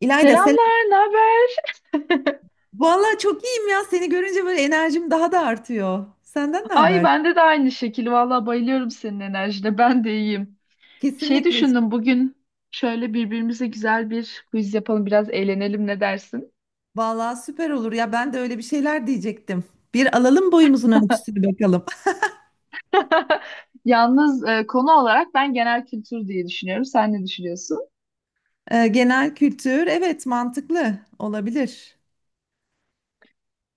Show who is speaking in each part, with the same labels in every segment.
Speaker 1: İlayda selam.
Speaker 2: Selamlar, ne haber?
Speaker 1: Vallahi çok iyiyim ya. Seni görünce böyle enerjim daha da artıyor. Senden ne
Speaker 2: Ay
Speaker 1: haber?
Speaker 2: bende de aynı şekil. Vallahi bayılıyorum senin enerjine. Ben de iyiyim. Şey
Speaker 1: Kesinlikle.
Speaker 2: düşündüm bugün şöyle birbirimize güzel bir quiz yapalım, biraz eğlenelim ne dersin?
Speaker 1: Vallahi süper olur ya. Ben de öyle bir şeyler diyecektim. Bir alalım boyumuzun ölçüsünü bakalım.
Speaker 2: Yalnız konu olarak ben genel kültür diye düşünüyorum. Sen ne düşünüyorsun?
Speaker 1: Genel kültür, evet, mantıklı olabilir.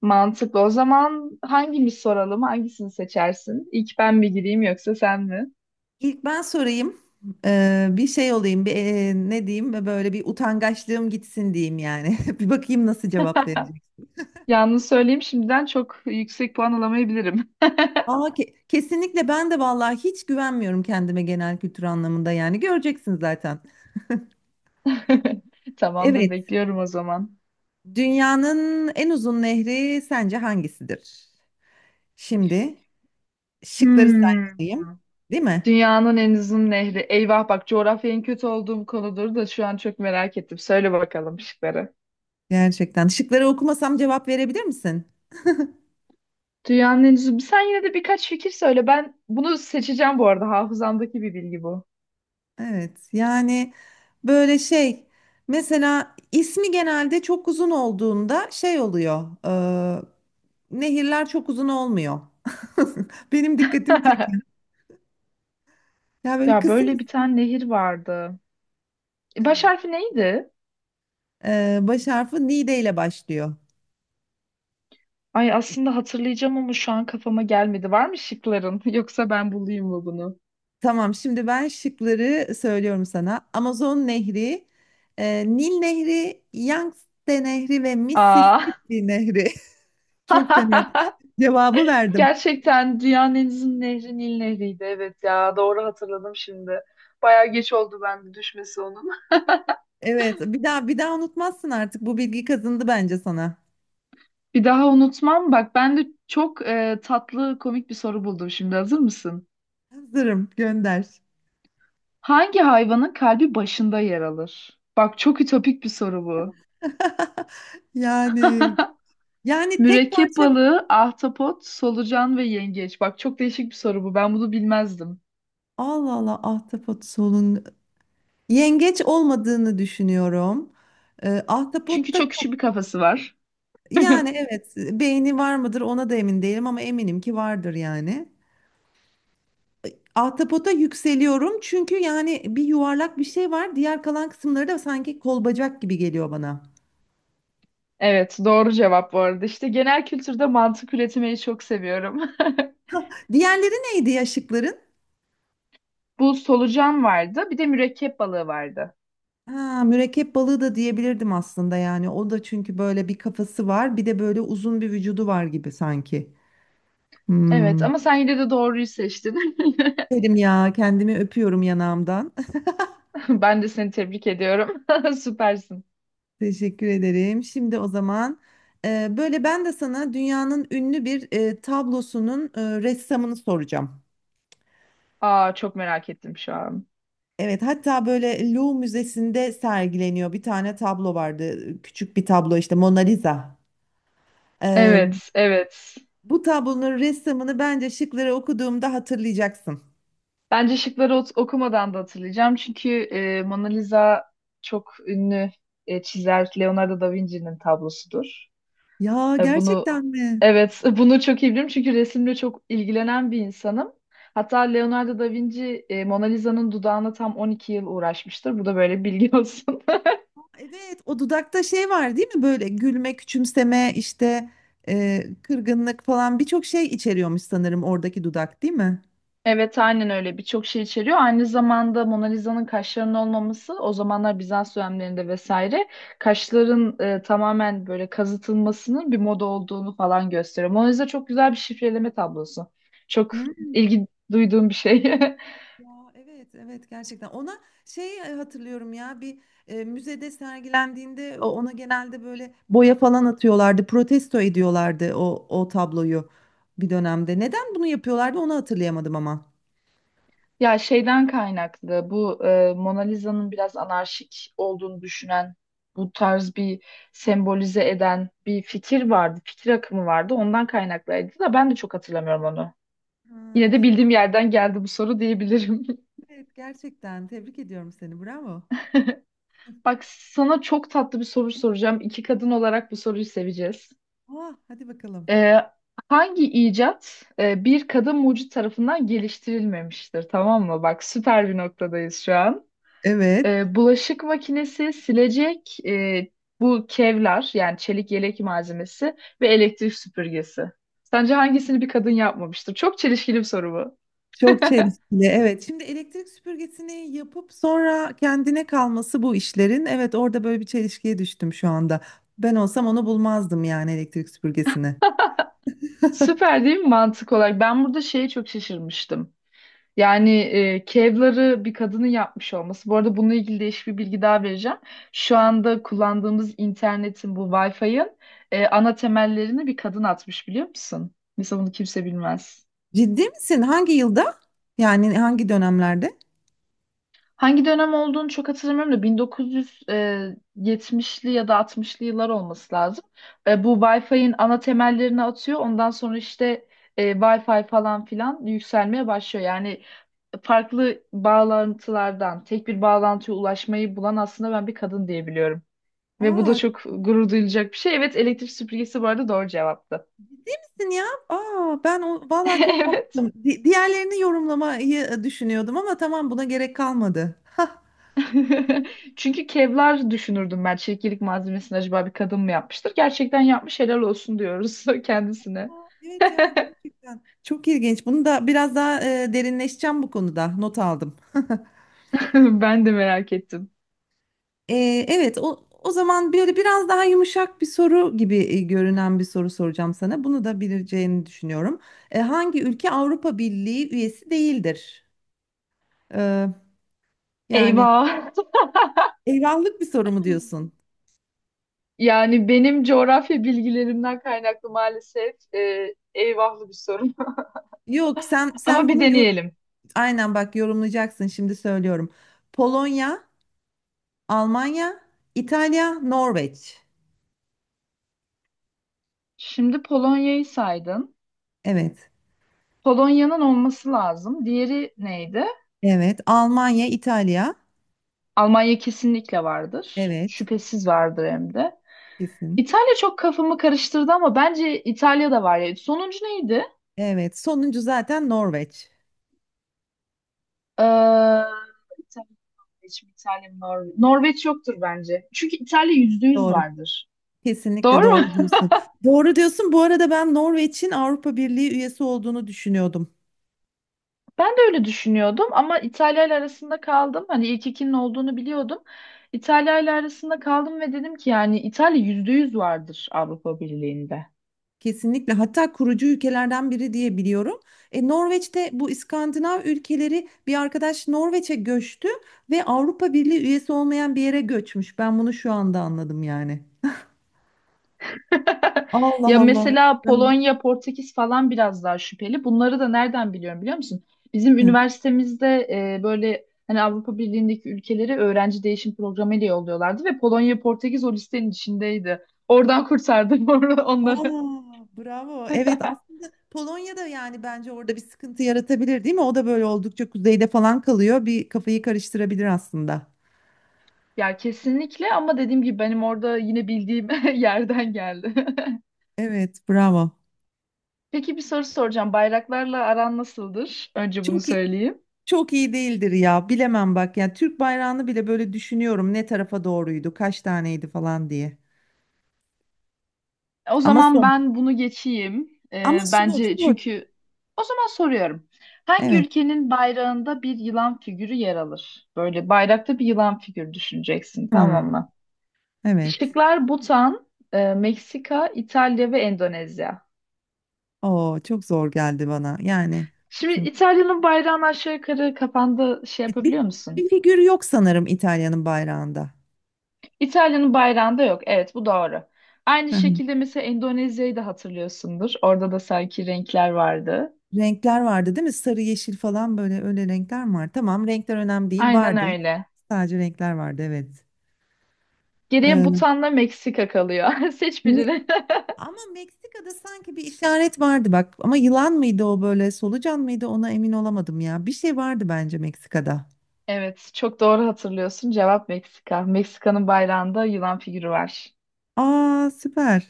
Speaker 2: Mantıklı. O zaman hangimiz soralım? Hangisini seçersin? İlk ben mi gireyim yoksa sen mi?
Speaker 1: İlk ben sorayım. Bir şey olayım. Bir, ne diyeyim? Böyle bir utangaçlığım gitsin diyeyim yani. Bir bakayım nasıl cevap verecek.
Speaker 2: Yalnız söyleyeyim şimdiden çok yüksek puan alamayabilirim.
Speaker 1: Aa, kesinlikle ben de vallahi hiç güvenmiyorum kendime genel kültür anlamında yani. Göreceksin zaten.
Speaker 2: Tamamdır,
Speaker 1: Evet.
Speaker 2: bekliyorum o zaman.
Speaker 1: Dünyanın en uzun nehri sence hangisidir? Şimdi şıkları
Speaker 2: Hmm.
Speaker 1: saymalıyım, değil mi?
Speaker 2: Dünyanın en uzun nehri. Eyvah bak coğrafya en kötü olduğum konudur da şu an çok merak ettim. Söyle bakalım şıkları.
Speaker 1: Gerçekten. Şıkları okumasam cevap verebilir misin?
Speaker 2: Dünyanın en uzun. Sen yine de birkaç fikir söyle. Ben bunu seçeceğim bu arada. Hafızamdaki bir bilgi bu.
Speaker 1: Evet. Yani böyle şey, mesela ismi genelde çok uzun olduğunda şey oluyor. e, nehirler çok uzun olmuyor. Benim dikkatimi çekiyor. Ya böyle
Speaker 2: Ya
Speaker 1: kısa.
Speaker 2: böyle bir tane nehir vardı. Baş
Speaker 1: Evet.
Speaker 2: harfi neydi?
Speaker 1: Baş harfi Nide ile başlıyor.
Speaker 2: Ay aslında hatırlayacağım ama şu an kafama gelmedi. Var mı şıkların? Yoksa ben bulayım mı bunu?
Speaker 1: Tamam, şimdi ben şıkları söylüyorum sana. Amazon Nehri, Nil Nehri, Yangtze Nehri ve
Speaker 2: Aa.
Speaker 1: Mississippi Nehri. Çok fena cevabı verdim.
Speaker 2: Gerçekten dünyanın en uzun nehri Nil Nehri'ydi. Evet ya doğru hatırladım şimdi. Bayağı geç oldu bende düşmesi onun.
Speaker 1: Evet, bir daha bir daha unutmazsın artık. Bu bilgi kazındı bence sana.
Speaker 2: Bir daha unutmam. Bak ben de çok tatlı komik bir soru buldum şimdi. Hazır mısın?
Speaker 1: Hazırım, gönder.
Speaker 2: Hangi hayvanın kalbi başında yer alır? Bak çok ütopik bir soru bu.
Speaker 1: Yani yani tek
Speaker 2: Mürekkep
Speaker 1: parça.
Speaker 2: balığı, ahtapot, solucan ve yengeç. Bak çok değişik bir soru bu. Ben bunu bilmezdim.
Speaker 1: Allah Allah, ahtapot, solun, yengeç olmadığını düşünüyorum. E,
Speaker 2: Çünkü
Speaker 1: ahtapotta
Speaker 2: çok küçük bir kafası var.
Speaker 1: Yani evet, beğeni var mıdır ona da emin değilim ama eminim ki vardır yani. Ahtapota yükseliyorum çünkü yani bir yuvarlak bir şey var. Diğer kalan kısımları da sanki kol bacak gibi geliyor bana.
Speaker 2: Evet, doğru cevap bu arada. İşte genel kültürde mantık üretmeyi çok seviyorum.
Speaker 1: Diğerleri neydi ya şıkların?
Speaker 2: Bu solucan vardı. Bir de mürekkep balığı vardı.
Speaker 1: Ha, mürekkep balığı da diyebilirdim aslında yani. O da çünkü böyle bir kafası var, bir de böyle uzun bir vücudu var gibi sanki.
Speaker 2: Evet
Speaker 1: Hmm.
Speaker 2: ama sen yine de doğruyu seçtin.
Speaker 1: Derim ya, kendimi öpüyorum yanağımdan.
Speaker 2: Ben de seni tebrik ediyorum. Süpersin.
Speaker 1: Teşekkür ederim. Şimdi o zaman böyle ben de sana dünyanın ünlü bir tablosunun ressamını soracağım.
Speaker 2: Aa çok merak ettim şu an.
Speaker 1: Evet, hatta böyle Louvre Müzesi'nde sergileniyor. Bir tane tablo vardı. Küçük bir tablo, işte Mona Lisa. E,
Speaker 2: Evet, evet.
Speaker 1: bu tablonun ressamını bence şıkları okuduğumda hatırlayacaksın.
Speaker 2: Bence şıkları okumadan da hatırlayacağım. Çünkü Mona Lisa çok ünlü çizer Leonardo da Vinci'nin tablosudur.
Speaker 1: Ya,
Speaker 2: Bunu,
Speaker 1: gerçekten mi?
Speaker 2: evet, bunu çok iyi biliyorum çünkü resimle çok ilgilenen bir insanım. Hatta Leonardo da Vinci Mona Lisa'nın dudağına tam 12 yıl uğraşmıştır. Bu da böyle bilgi olsun.
Speaker 1: Evet, o dudakta şey var değil mi? Böyle gülme, küçümseme, işte kırgınlık falan birçok şey içeriyormuş sanırım oradaki dudak, değil mi?
Speaker 2: Evet aynen öyle birçok şey içeriyor. Aynı zamanda Mona Lisa'nın kaşlarının olmaması o zamanlar Bizans dönemlerinde vesaire kaşların tamamen böyle kazıtılmasının bir moda olduğunu falan gösteriyor. Mona Lisa çok güzel bir şifreleme tablosu. Çok
Speaker 1: Hı?
Speaker 2: ilgi duyduğum bir şey.
Speaker 1: Ya, evet, evet, gerçekten ona şey, hatırlıyorum ya bir müzede sergilendiğinde ona genelde böyle boya falan atıyorlardı, protesto ediyorlardı o tabloyu bir dönemde, neden bunu yapıyorlardı onu hatırlayamadım ama.
Speaker 2: Ya şeyden kaynaklı bu Mona Lisa'nın biraz anarşik olduğunu düşünen bu tarz bir sembolize eden bir fikir vardı. Fikir akımı vardı. Ondan kaynaklıydı da ben de çok hatırlamıyorum onu.
Speaker 1: Ha,
Speaker 2: Yine de
Speaker 1: evet,
Speaker 2: bildiğim yerden geldi bu soru diyebilirim.
Speaker 1: evet, gerçekten tebrik ediyorum seni, bravo.
Speaker 2: Bak sana çok tatlı bir soru soracağım. İki kadın olarak bu soruyu seveceğiz.
Speaker 1: Ah, hadi bakalım.
Speaker 2: E, hangi icat bir kadın mucit tarafından geliştirilmemiştir? Tamam mı? Bak süper bir noktadayız şu an.
Speaker 1: Evet.
Speaker 2: Bulaşık makinesi, silecek, bu kevlar yani çelik yelek malzemesi ve elektrik süpürgesi. Sence hangisini bir kadın yapmamıştır? Çok çelişkili bir soru bu.
Speaker 1: Çok çelişkili. Evet. Şimdi elektrik süpürgesini yapıp sonra kendine kalması bu işlerin. Evet, orada böyle bir çelişkiye düştüm şu anda. Ben olsam onu bulmazdım yani, elektrik süpürgesini.
Speaker 2: Süper değil mi mantık olarak? Ben burada şeye çok şaşırmıştım. Yani kevları bir kadının yapmış olması. Bu arada bununla ilgili değişik bir bilgi daha vereceğim. Şu
Speaker 1: Hı.
Speaker 2: anda kullandığımız internetin bu Wi-Fi'ın ana temellerini bir kadın atmış biliyor musun? Mesela bunu kimse bilmez.
Speaker 1: Ciddi misin? Hangi yılda? Yani hangi dönemlerde?
Speaker 2: Hangi dönem olduğunu çok hatırlamıyorum da 1970'li ya da 60'lı yıllar olması lazım. Bu Wi-Fi'nin ana temellerini atıyor. Ondan sonra işte Wi-Fi falan filan yükselmeye başlıyor. Yani farklı bağlantılardan tek bir bağlantıya ulaşmayı bulan aslında ben bir kadın diyebiliyorum. Ve bu da
Speaker 1: Aa,
Speaker 2: çok gurur duyulacak bir şey. Evet elektrik süpürgesi bu arada doğru cevaptı.
Speaker 1: kimsin ya? Aa, ben vallahi çok
Speaker 2: Evet.
Speaker 1: kaptım. Diğerlerini yorumlamayı düşünüyordum ama tamam, buna gerek kalmadı. Aa,
Speaker 2: Çünkü Kevlar düşünürdüm ben. Çekirdek malzemesini acaba bir kadın mı yapmıştır? Gerçekten yapmış helal olsun diyoruz kendisine.
Speaker 1: evet ya, gerçekten çok ilginç. Bunu da biraz daha derinleşeceğim bu konuda. Not aldım.
Speaker 2: Ben de merak ettim.
Speaker 1: Evet, o zaman böyle biraz daha yumuşak bir soru gibi görünen bir soru soracağım sana. Bunu da bileceğini düşünüyorum. Hangi ülke Avrupa Birliği üyesi değildir? Ee, yani
Speaker 2: Eyvah.
Speaker 1: eyvahlık bir soru mu diyorsun?
Speaker 2: Yani benim coğrafya bilgilerimden kaynaklı maalesef eyvahlı bir sorun.
Speaker 1: Yok, sen
Speaker 2: Ama
Speaker 1: sen
Speaker 2: bir
Speaker 1: bunu
Speaker 2: deneyelim.
Speaker 1: aynen bak, yorumlayacaksın, şimdi söylüyorum. Polonya, Almanya, İtalya, Norveç.
Speaker 2: Şimdi Polonya'yı saydın.
Speaker 1: Evet.
Speaker 2: Polonya'nın olması lazım. Diğeri neydi?
Speaker 1: Evet. Almanya, İtalya.
Speaker 2: Almanya kesinlikle vardır.
Speaker 1: Evet.
Speaker 2: Şüphesiz vardır hem de.
Speaker 1: Kesin.
Speaker 2: İtalya çok kafamı karıştırdı ama bence İtalya da var ya. Sonuncu neydi?
Speaker 1: Evet. Sonuncu zaten Norveç.
Speaker 2: Ee, İtalya, Norveç, mi? İtalya, mı? Norveç. Norveç yoktur bence. Çünkü İtalya %100
Speaker 1: Doğru.
Speaker 2: vardır.
Speaker 1: Kesinlikle
Speaker 2: Doğru mu?
Speaker 1: doğru diyorsun. Doğru diyorsun. Bu arada ben Norveç'in Avrupa Birliği üyesi olduğunu düşünüyordum.
Speaker 2: Ben de öyle düşünüyordum ama İtalya ile arasında kaldım. Hani ilk ikinin olduğunu biliyordum. İtalya ile arasında kaldım ve dedim ki yani İtalya %100 vardır Avrupa Birliği'nde.
Speaker 1: Kesinlikle. Hatta kurucu ülkelerden biri diye biliyorum. E, Norveç'te bu İskandinav ülkeleri, bir arkadaş Norveç'e göçtü ve Avrupa Birliği üyesi olmayan bir yere göçmüş. Ben bunu şu anda anladım yani. Allah
Speaker 2: Ya
Speaker 1: Allah.
Speaker 2: mesela
Speaker 1: Ben-
Speaker 2: Polonya, Portekiz falan biraz daha şüpheli. Bunları da nereden biliyorum biliyor musun? Bizim
Speaker 1: Hı.
Speaker 2: üniversitemizde böyle hani Avrupa Birliği'ndeki ülkeleri öğrenci değişim programı ile yolluyorlardı ve Polonya, Portekiz o listenin içindeydi. Oradan kurtardım onları.
Speaker 1: Aa, bravo. Evet, aslında Polonya'da yani bence orada bir sıkıntı yaratabilir değil mi? O da böyle oldukça kuzeyde falan kalıyor. Bir kafayı karıştırabilir aslında.
Speaker 2: Ya kesinlikle ama dediğim gibi benim orada yine bildiğim yerden geldi.
Speaker 1: Evet, bravo.
Speaker 2: Peki bir soru soracağım. Bayraklarla aran nasıldır? Önce bunu
Speaker 1: Çok iyi,
Speaker 2: söyleyeyim.
Speaker 1: çok iyi değildir ya. Bilemem bak. Yani Türk bayrağını bile böyle düşünüyorum, ne tarafa doğruydu, kaç taneydi falan diye.
Speaker 2: O
Speaker 1: Ama
Speaker 2: zaman
Speaker 1: sor.
Speaker 2: ben bunu geçeyim. Ee,
Speaker 1: Ama sor,
Speaker 2: bence
Speaker 1: sor.
Speaker 2: çünkü o zaman soruyorum. Hangi
Speaker 1: Evet.
Speaker 2: ülkenin bayrağında bir yılan figürü yer alır? Böyle bayrakta bir yılan figürü düşüneceksin,
Speaker 1: Hmm,
Speaker 2: tamam mı?
Speaker 1: evet.
Speaker 2: Şıklar Butan, Meksika, İtalya ve Endonezya.
Speaker 1: Oo, çok zor geldi bana. Yani
Speaker 2: Şimdi
Speaker 1: çok
Speaker 2: İtalya'nın bayrağını aşağı yukarı kafanda şey
Speaker 1: bir,
Speaker 2: yapabiliyor musun?
Speaker 1: bir figür yok sanırım İtalya'nın bayrağında.
Speaker 2: İtalya'nın bayrağında yok. Evet, bu doğru. Aynı
Speaker 1: Hı hı.
Speaker 2: şekilde mesela Endonezya'yı da hatırlıyorsundur. Orada da sanki renkler vardı.
Speaker 1: Renkler vardı değil mi? Sarı, yeşil falan, böyle öyle renkler mi var? Tamam, renkler önemli değil.
Speaker 2: Aynen
Speaker 1: Vardı.
Speaker 2: öyle.
Speaker 1: Sadece renkler vardı, evet.
Speaker 2: Geriye
Speaker 1: Ee,
Speaker 2: Butan'la Meksika kalıyor. Seç
Speaker 1: ne-
Speaker 2: birini.
Speaker 1: Ama Meksika'da sanki bir işaret vardı bak. Ama yılan mıydı o, böyle solucan mıydı, ona emin olamadım ya. Bir şey vardı bence Meksika'da.
Speaker 2: Evet, çok doğru hatırlıyorsun. Cevap Meksika. Meksika'nın bayrağında yılan figürü var.
Speaker 1: Aa, süper.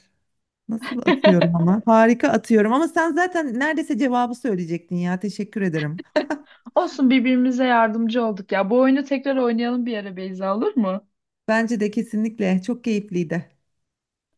Speaker 1: Nasıl atıyorum ama? Harika atıyorum ama sen zaten neredeyse cevabı söyleyecektin ya. Teşekkür ederim.
Speaker 2: Olsun birbirimize yardımcı olduk ya. Bu oyunu tekrar oynayalım bir ara Beyza olur mu?
Speaker 1: Bence de kesinlikle çok keyifliydi.